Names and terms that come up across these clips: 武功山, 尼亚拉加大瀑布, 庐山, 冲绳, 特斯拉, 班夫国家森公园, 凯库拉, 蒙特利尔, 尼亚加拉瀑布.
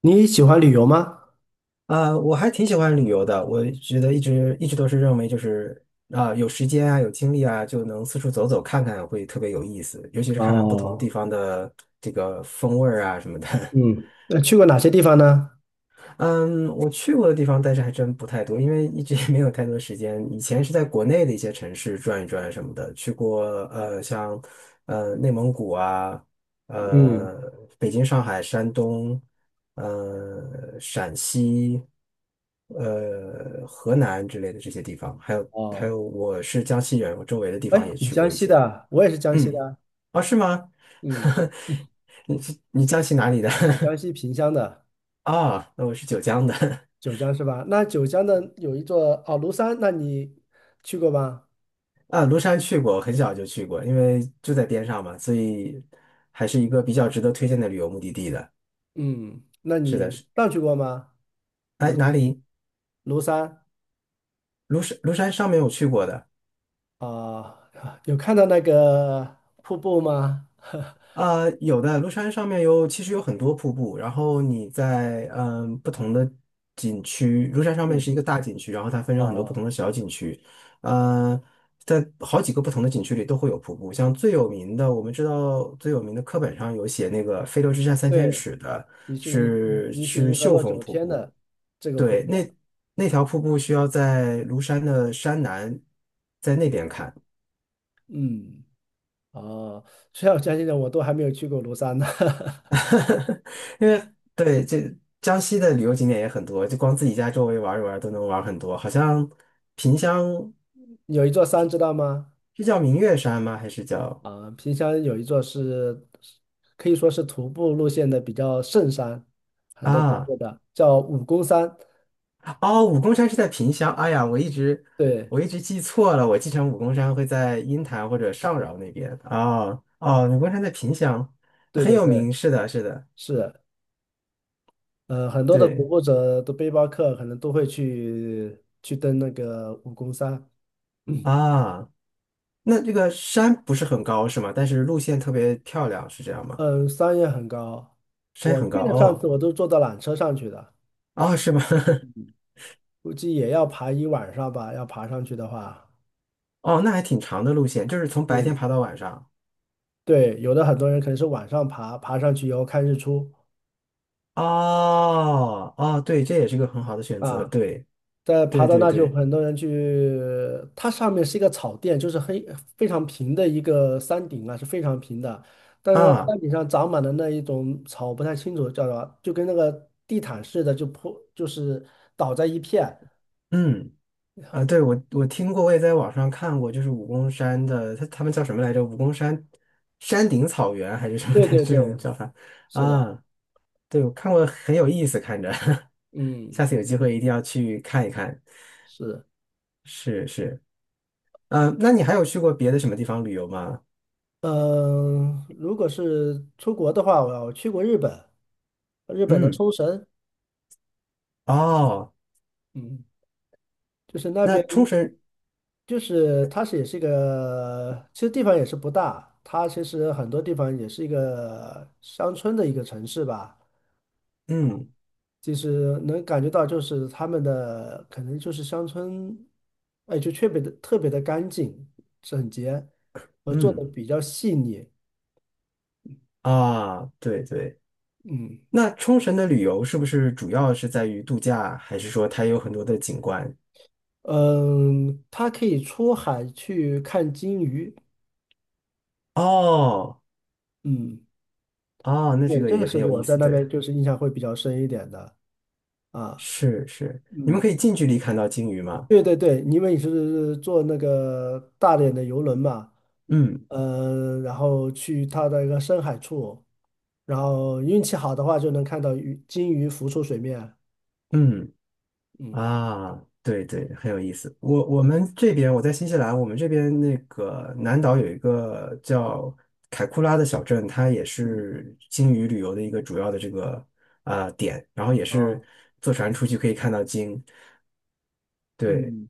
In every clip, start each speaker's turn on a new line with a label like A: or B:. A: 你喜欢旅游吗？
B: 我还挺喜欢旅游的，我觉得一直都是认为就是啊、有时间啊，有精力啊，就能四处走走看看，会特别有意思，尤其是看看不同地
A: 哦。
B: 方的这个风味儿啊什么的。
A: 嗯，那去过哪些地方呢？
B: 嗯，我去过的地方，但是还真不太多，因为一直也没有太多时间。以前是在国内的一些城市转一转什么的，去过像内蒙古啊，呃
A: 嗯。
B: 北京、上海、山东，陕西，河南之类的这些地方，还有还
A: 哦，
B: 有我是江西人，我周围的地
A: 哎，
B: 方也
A: 你
B: 去
A: 江
B: 过一
A: 西
B: 些。
A: 的啊，我也是江西
B: 嗯，
A: 的啊。
B: 啊，是吗？
A: 嗯。
B: 你你江西哪里的？
A: 我江 西萍乡的。
B: 啊，那我是九江的。
A: 九江是吧？那九江的有一座哦庐山，那你去过吗？
B: 啊，庐山去过，很小就去过，因为就在边上嘛，所以还是一个比较值得推荐的旅游目的地的。
A: 嗯，那
B: 是的，
A: 你
B: 是，
A: 上去过吗？
B: 哎，
A: 庐
B: 哪
A: 山。
B: 里？
A: 庐山
B: 庐山，庐山上面我去过的。
A: 啊，有看到那个瀑布吗？
B: 有的庐山上面有，其实有很多瀑布。然后你在不同的景区，庐山上面
A: 嗯。
B: 是一个大景区，然后它分
A: 哦，
B: 成很多不
A: 哦，
B: 同的小景区。呃，在好几个不同的景区里都会有瀑布。像最有名的，我们知道最有名的课本上有写那个"飞流直下三千
A: 对，
B: 尺"的
A: 疑是银
B: 是
A: 疑是
B: 是
A: 银河
B: 秀
A: 落
B: 峰
A: 九
B: 瀑
A: 天的
B: 布。
A: 这个瀑
B: 对，
A: 布。
B: 那条瀑布需要在庐山的山南，在那边看。
A: 嗯。哦，虽然我相信的，我都还没有去过庐山呢。
B: 因为对这江西的旅游景点也很多，就光自己家周围玩一玩都能玩很多。好像萍乡
A: 有一座山，知道吗？
B: 是叫明月山吗？还是叫
A: 啊，萍乡有一座是可以说是徒步路线的比较圣山，很多徒
B: 啊？
A: 步的，叫武功山。
B: 哦，武功山是在萍乡。哎呀，我一直
A: 对。
B: 我一直记错了，我记成武功山会在鹰潭或者上饶那边。哦哦，武功山在萍乡，
A: 对
B: 很
A: 对
B: 有
A: 对。
B: 名。是的，是的，
A: 是。很多的徒
B: 对
A: 步者的背包客可能都会去登那个武功山。
B: 啊。那这个山不是很高是吗？但是路线特别漂亮，是这样吗？
A: 嗯，山也很高。
B: 山
A: 我
B: 很高
A: 去的上次
B: 哦，
A: 我都坐到缆车上去的。
B: 哦，是吗？
A: 估计也要爬一晚上吧，要爬上去的话。
B: 哦，那还挺长的路线，就是从白天
A: 嗯。
B: 爬到晚上。
A: 对，有的很多人可能是晚上爬，爬上去以后看日出
B: 哦哦，对，这也是个很好的选择。
A: 啊。
B: 对
A: 在爬
B: 对
A: 到
B: 对
A: 那就
B: 对
A: 很多人去。它上面是一个草甸，就是黑非常平的一个山顶啊，是非常平的。但是
B: 啊，
A: 山顶上长满了那一种草，我不太清楚叫什么，就跟那个地毯似的，就是倒在一片。
B: 嗯啊，对我听过，我也在网上看过，就是武功山的，他们叫什么来着？武功山山顶草原还是什么
A: 对
B: 的
A: 对
B: 这
A: 对。
B: 种叫法
A: 是的。
B: 啊？对，我看过，很有意思，看着。
A: 嗯。
B: 下次有机会一定要去看一看。
A: 是。
B: 是是，嗯、那你还有去过别的什么地方旅游吗？
A: 嗯，如果是出国的话，我去过日本，日本的
B: 嗯，
A: 冲绳。
B: 哦，
A: 嗯，就是那
B: 那
A: 边。
B: 冲绳，
A: 就是它是也是一个，其实地方也是不大，它其实很多地方也是一个乡村的一个城市吧。
B: 嗯。
A: 其实能感觉到，就是他们的可能就是乡村。哎，就特别的特别的干净整洁，做的
B: 嗯
A: 比较细腻。
B: 啊，对对，
A: 嗯
B: 那冲绳的旅游是不是主要是在于度假，还是说它有很多的景观？
A: 嗯。它可以出海去看金鱼。
B: 哦
A: 嗯。
B: 哦，那这
A: 对，
B: 个
A: 这个
B: 也很
A: 是
B: 有
A: 我
B: 意
A: 在
B: 思，
A: 那边
B: 对，
A: 就是印象会比较深一点的啊。
B: 是是，你们可
A: 嗯。
B: 以近距离看到鲸鱼吗？
A: 对对对，因为你是坐那个大连的游轮嘛。
B: 嗯
A: 然后去它的一个深海处，然后运气好的话就能看到鱼金鱼浮出水面。
B: 嗯
A: 嗯
B: 啊，对对，很有意思。我们这边我在新西兰，我们这边那个南岛有一个叫凯库拉的小镇，它也
A: 嗯。
B: 是鲸鱼旅游的一个主要的这个啊、点，然后也是
A: 啊
B: 坐船出去可以看到鲸。对，
A: 嗯，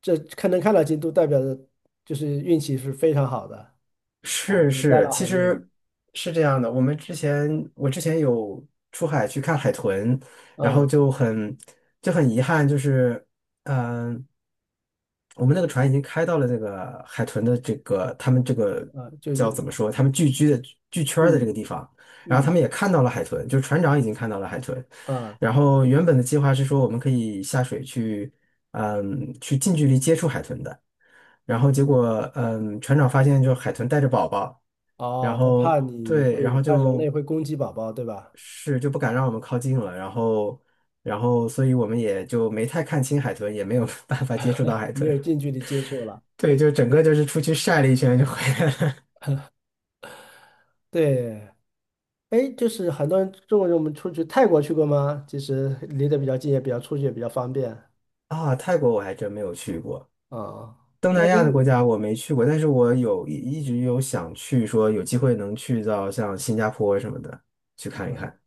A: 这看能看到金都代表着就是运气是非常好的。哦，
B: 是
A: 能带
B: 是，
A: 来
B: 其
A: 好运。
B: 实是这样的。我之前有出海去看海豚，然后
A: 啊
B: 就很遗憾，就是嗯、呃我们那个船已经开到了这个海豚的这个他们这个
A: 啊，就
B: 叫
A: 是
B: 怎么说，他们聚居的聚圈儿的这个
A: 嗯
B: 地方，然后他
A: 嗯
B: 们也看到了海豚，就是船长已经看到了海豚，
A: 啊
B: 然后原本的计划是说我们可以下水去。嗯，去近距离接触海豚的。然后结果，嗯，船长发现就海豚带着宝宝，然
A: 哦，他怕
B: 后
A: 你
B: 对，然
A: 会
B: 后
A: 怕人类
B: 就
A: 会攻击宝宝，对吧？
B: 是就不敢让我们靠近了，然后所以我们也就没太看清海豚，也没有 办法接触到海
A: 没有
B: 豚。
A: 近距离接触了。
B: 对，就整个就是出去晒了一圈就回来了。
A: 对。哎，就是很多人中国人，我们出去泰国去过吗？其实离得比较近，也比较出去也比较方便
B: 啊，泰国我还真没有去过，
A: 啊。
B: 东
A: 那
B: 南
A: 就
B: 亚的国家我没去过，但是我有一直有想去，说有机会能去到像新加坡什么的去看一
A: 嗯。
B: 看。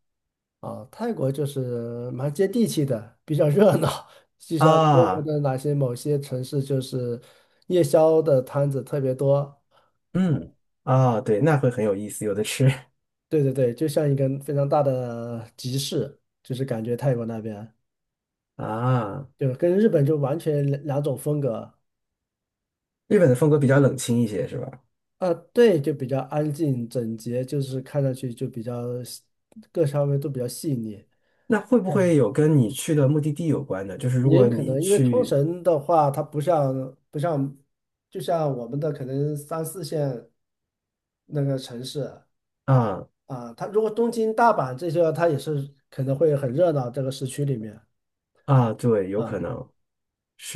A: 啊，泰国就是蛮接地气的，比较热闹。就像中国
B: 啊，
A: 的哪些某些城市，就是夜宵的摊子特别多。
B: 嗯，啊，对，那会很有意思，有的吃
A: 对对对，就像一个非常大的集市，就是感觉泰国那边
B: 啊。
A: 就是跟日本就完全两种风格。
B: 日本的风格比较冷清一些，是吧？
A: 啊，对，就比较安静整洁，就是看上去就比较细各方面都比较细腻。
B: 那会不会
A: 嗯，
B: 有跟你去的目的地有关的？就是如
A: 也有
B: 果
A: 可
B: 你
A: 能，因为冲
B: 去
A: 绳的话，它不像，就像我们的可能三四线那个城市
B: 啊
A: 啊。它如果东京、大阪这些，它也是可能会很热闹这个市区里面
B: 啊，对，有可
A: 啊。
B: 能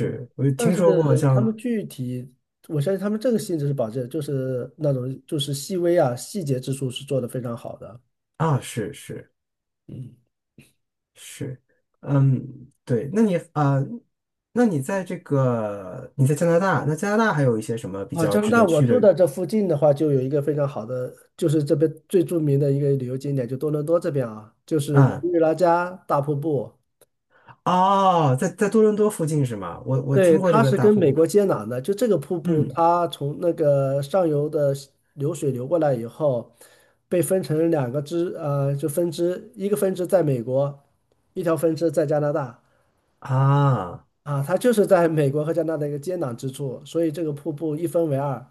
A: 嗯，
B: 我就
A: 但
B: 听
A: 是
B: 说过
A: 他
B: 像
A: 们具体，我相信他们这个性质是保证，就是那种就是细微啊细节之处是做得非常好的。
B: 啊，是是
A: 嗯。
B: 是，嗯，对，那你啊，那你在加拿大，那加拿大还有一些什么比
A: 啊，
B: 较
A: 加拿
B: 值
A: 大，
B: 得
A: 我
B: 去
A: 住
B: 的
A: 的这附近的话，就有一个非常好的，就是这边最著名的一个旅游景点，就多伦多这边啊，就是
B: 啊？
A: 尼亚拉加大瀑布。
B: 哦，在多伦多附近是吗？我
A: 对，
B: 听过这
A: 它
B: 个
A: 是
B: 大
A: 跟
B: 瀑
A: 美
B: 布，
A: 国接壤的，就这个瀑布，
B: 嗯
A: 它从那个上游的西流水流过来以后，被分成两个支，就分支，一个分支在美国，一条分支在加拿大。
B: 啊。
A: 啊，它就是在美国和加拿大的一个接壤之处，所以这个瀑布一分为二。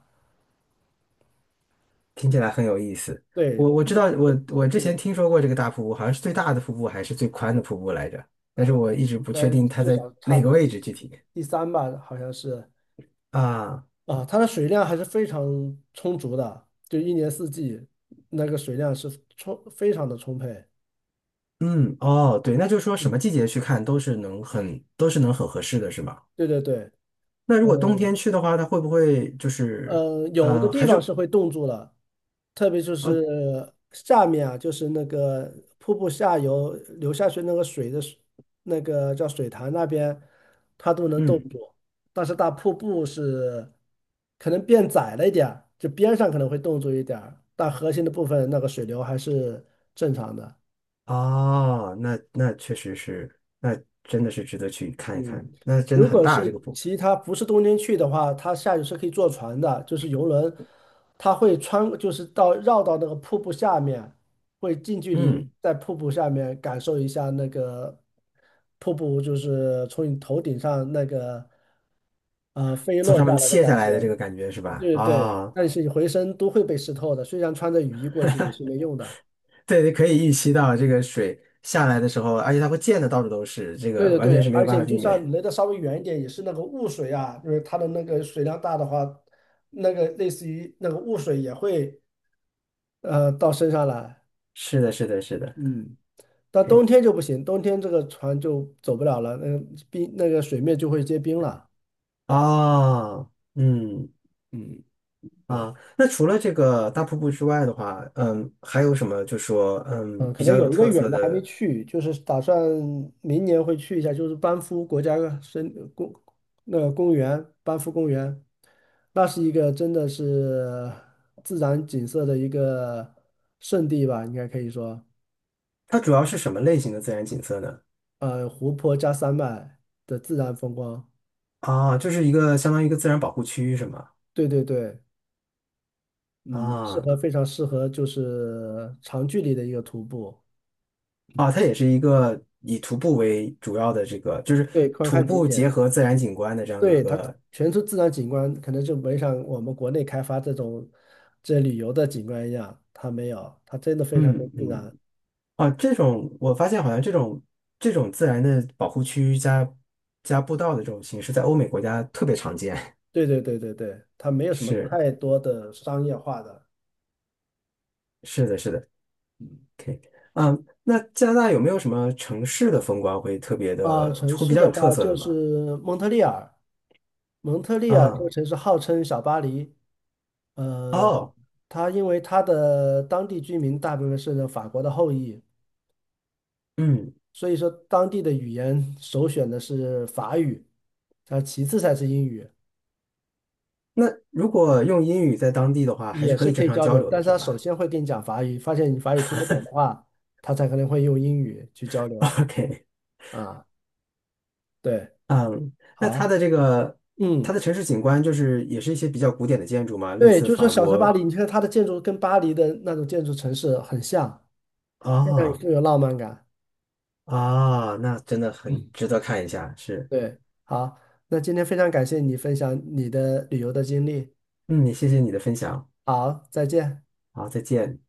B: 听起来很有意思。
A: 对，
B: 我
A: 这
B: 知
A: 个
B: 道，
A: 瀑
B: 我
A: 布。
B: 我之前
A: 嗯。
B: 听说过这个大瀑布，好像是最大的瀑布还是最宽的瀑布来着，但是
A: 呃，
B: 我一直
A: 应
B: 不确
A: 该
B: 定它
A: 至
B: 在
A: 少差
B: 哪
A: 不
B: 个
A: 多
B: 位
A: 第
B: 置具体
A: 第三吧，好像是
B: 啊。
A: 啊。它的水量还是非常充足的，就一年四季那个水量是充非常的充沛。
B: 嗯，哦，对，那就是说什么
A: 嗯。
B: 季节去看都是能很合适的，是吗？
A: 对对对。
B: 那如果冬天
A: 嗯，
B: 去的话，它会不会就是
A: 有的地
B: 还是
A: 方是会冻住了，特别就
B: 呃
A: 是下面啊，就是那个瀑布下游流下去那个水的水那个叫水潭那边，它都能冻
B: 嗯
A: 住。但是大瀑布是可能变窄了一点儿，就边上可能会冻住一点儿，但核心的部分那个水流还是正常的。
B: 哦，那确实是，那真的是值得去看一看，
A: 嗯，
B: 那真
A: 如
B: 的很
A: 果是
B: 大这个瀑布，
A: 其他不是冬天去的话，它下去是可以坐船的，就是游轮，它会穿，就是到绕到那个瀑布下面，会近距离
B: 嗯，
A: 在瀑布下面感受一下那个瀑布，就是从你头顶上那个飞
B: 从
A: 落
B: 上
A: 下
B: 面
A: 来的
B: 卸下
A: 感觉。
B: 来的这个感觉是吧？
A: 对对。
B: 啊、
A: 但是你浑身都会被湿透的，虽然穿着雨衣过去也是没用的。
B: 对，可以预期到这个水下来的时候，而且它会溅的到处都是，这
A: 对
B: 个
A: 对
B: 完
A: 对，
B: 全是没有
A: 而
B: 办
A: 且
B: 法
A: 你就
B: 避
A: 算
B: 免。
A: 离得稍微远一点，也是那个雾水啊，就是它的那个水量大的话，那个类似于那个雾水也会到身上来。
B: 是的，是的，是的。
A: 嗯，但冬天
B: OK，
A: 就不行，冬天这个船就走不了了，那个冰那个水面就会结冰了。
B: 哦，嗯
A: 嗯。对。
B: 啊，那除了这个大瀑布之外的话，嗯，还有什么就说
A: 嗯，可
B: 比
A: 能
B: 较有
A: 有一个
B: 特
A: 远
B: 色
A: 的还没
B: 的？
A: 去，就是打算明年会去一下，就是班夫国家森公那个公园，班夫公园，那是一个真的是自然景色的一个圣地吧，应该可以说。
B: 它主要是什么类型的自然景色呢？
A: 湖泊加山脉的自然风光。
B: 啊，就是一个相当于一个自然保护区是吗？
A: 对对对。嗯，适
B: 啊
A: 合非常适合就是长距离的一个徒步。
B: 啊，它也是一个以徒步为主要的这个，就是
A: 对，观
B: 徒
A: 看景
B: 步
A: 点。
B: 结合自然景观的这样的一
A: 对，它
B: 个，
A: 全是自然景观，可能就没像我们国内开发这种这旅游的景观一样，它没有，它真的非常的
B: 嗯
A: 自
B: 嗯
A: 然。
B: 啊，这种我发现好像这种自然的保护区加步道的这种形式，在欧美国家特别常见。
A: 对对对对对，它没有什么
B: 是
A: 太多的商业化的。
B: 是的，是的
A: 嗯。
B: ，OK，嗯，啊那加拿大有没有什么城市的风光会特别
A: 啊，
B: 的，
A: 城
B: 会比
A: 市
B: 较
A: 的
B: 有特
A: 话
B: 色的
A: 就
B: 吗？
A: 是蒙特利尔。蒙特利尔这个
B: 啊，
A: 城市号称小巴黎。呃，
B: 哦，
A: 它因为它的当地居民大部分是法国的后裔，
B: 嗯，
A: 所以说当地的语言首选的是法语，它其次才是英语。
B: 那如果用英语在当地的话，还
A: 也
B: 是可
A: 是
B: 以
A: 可
B: 正
A: 以
B: 常
A: 交
B: 交
A: 流，
B: 流
A: 但
B: 的，
A: 是
B: 是
A: 他首
B: 吧
A: 先会跟你讲法语，发现你法语听不懂的话，他才可能会用英语去交 流
B: ？OK，
A: 啊。对。
B: 嗯，那
A: 好。
B: 它的这个它
A: 嗯。
B: 的城市景观就是也是一些比较古典的建筑嘛，类
A: 对，
B: 似
A: 就是说
B: 法
A: 小城巴
B: 国
A: 黎，你看它的建筑跟巴黎的那种建筑城市很像，非常有
B: 啊。
A: 富有浪漫感。
B: 啊，那真的很
A: 嗯。
B: 值得看一下，是，
A: 对。好。那今天非常感谢你分享你的旅游的经历。
B: 嗯，谢谢你的分享，
A: 好，再见。
B: 好，再见。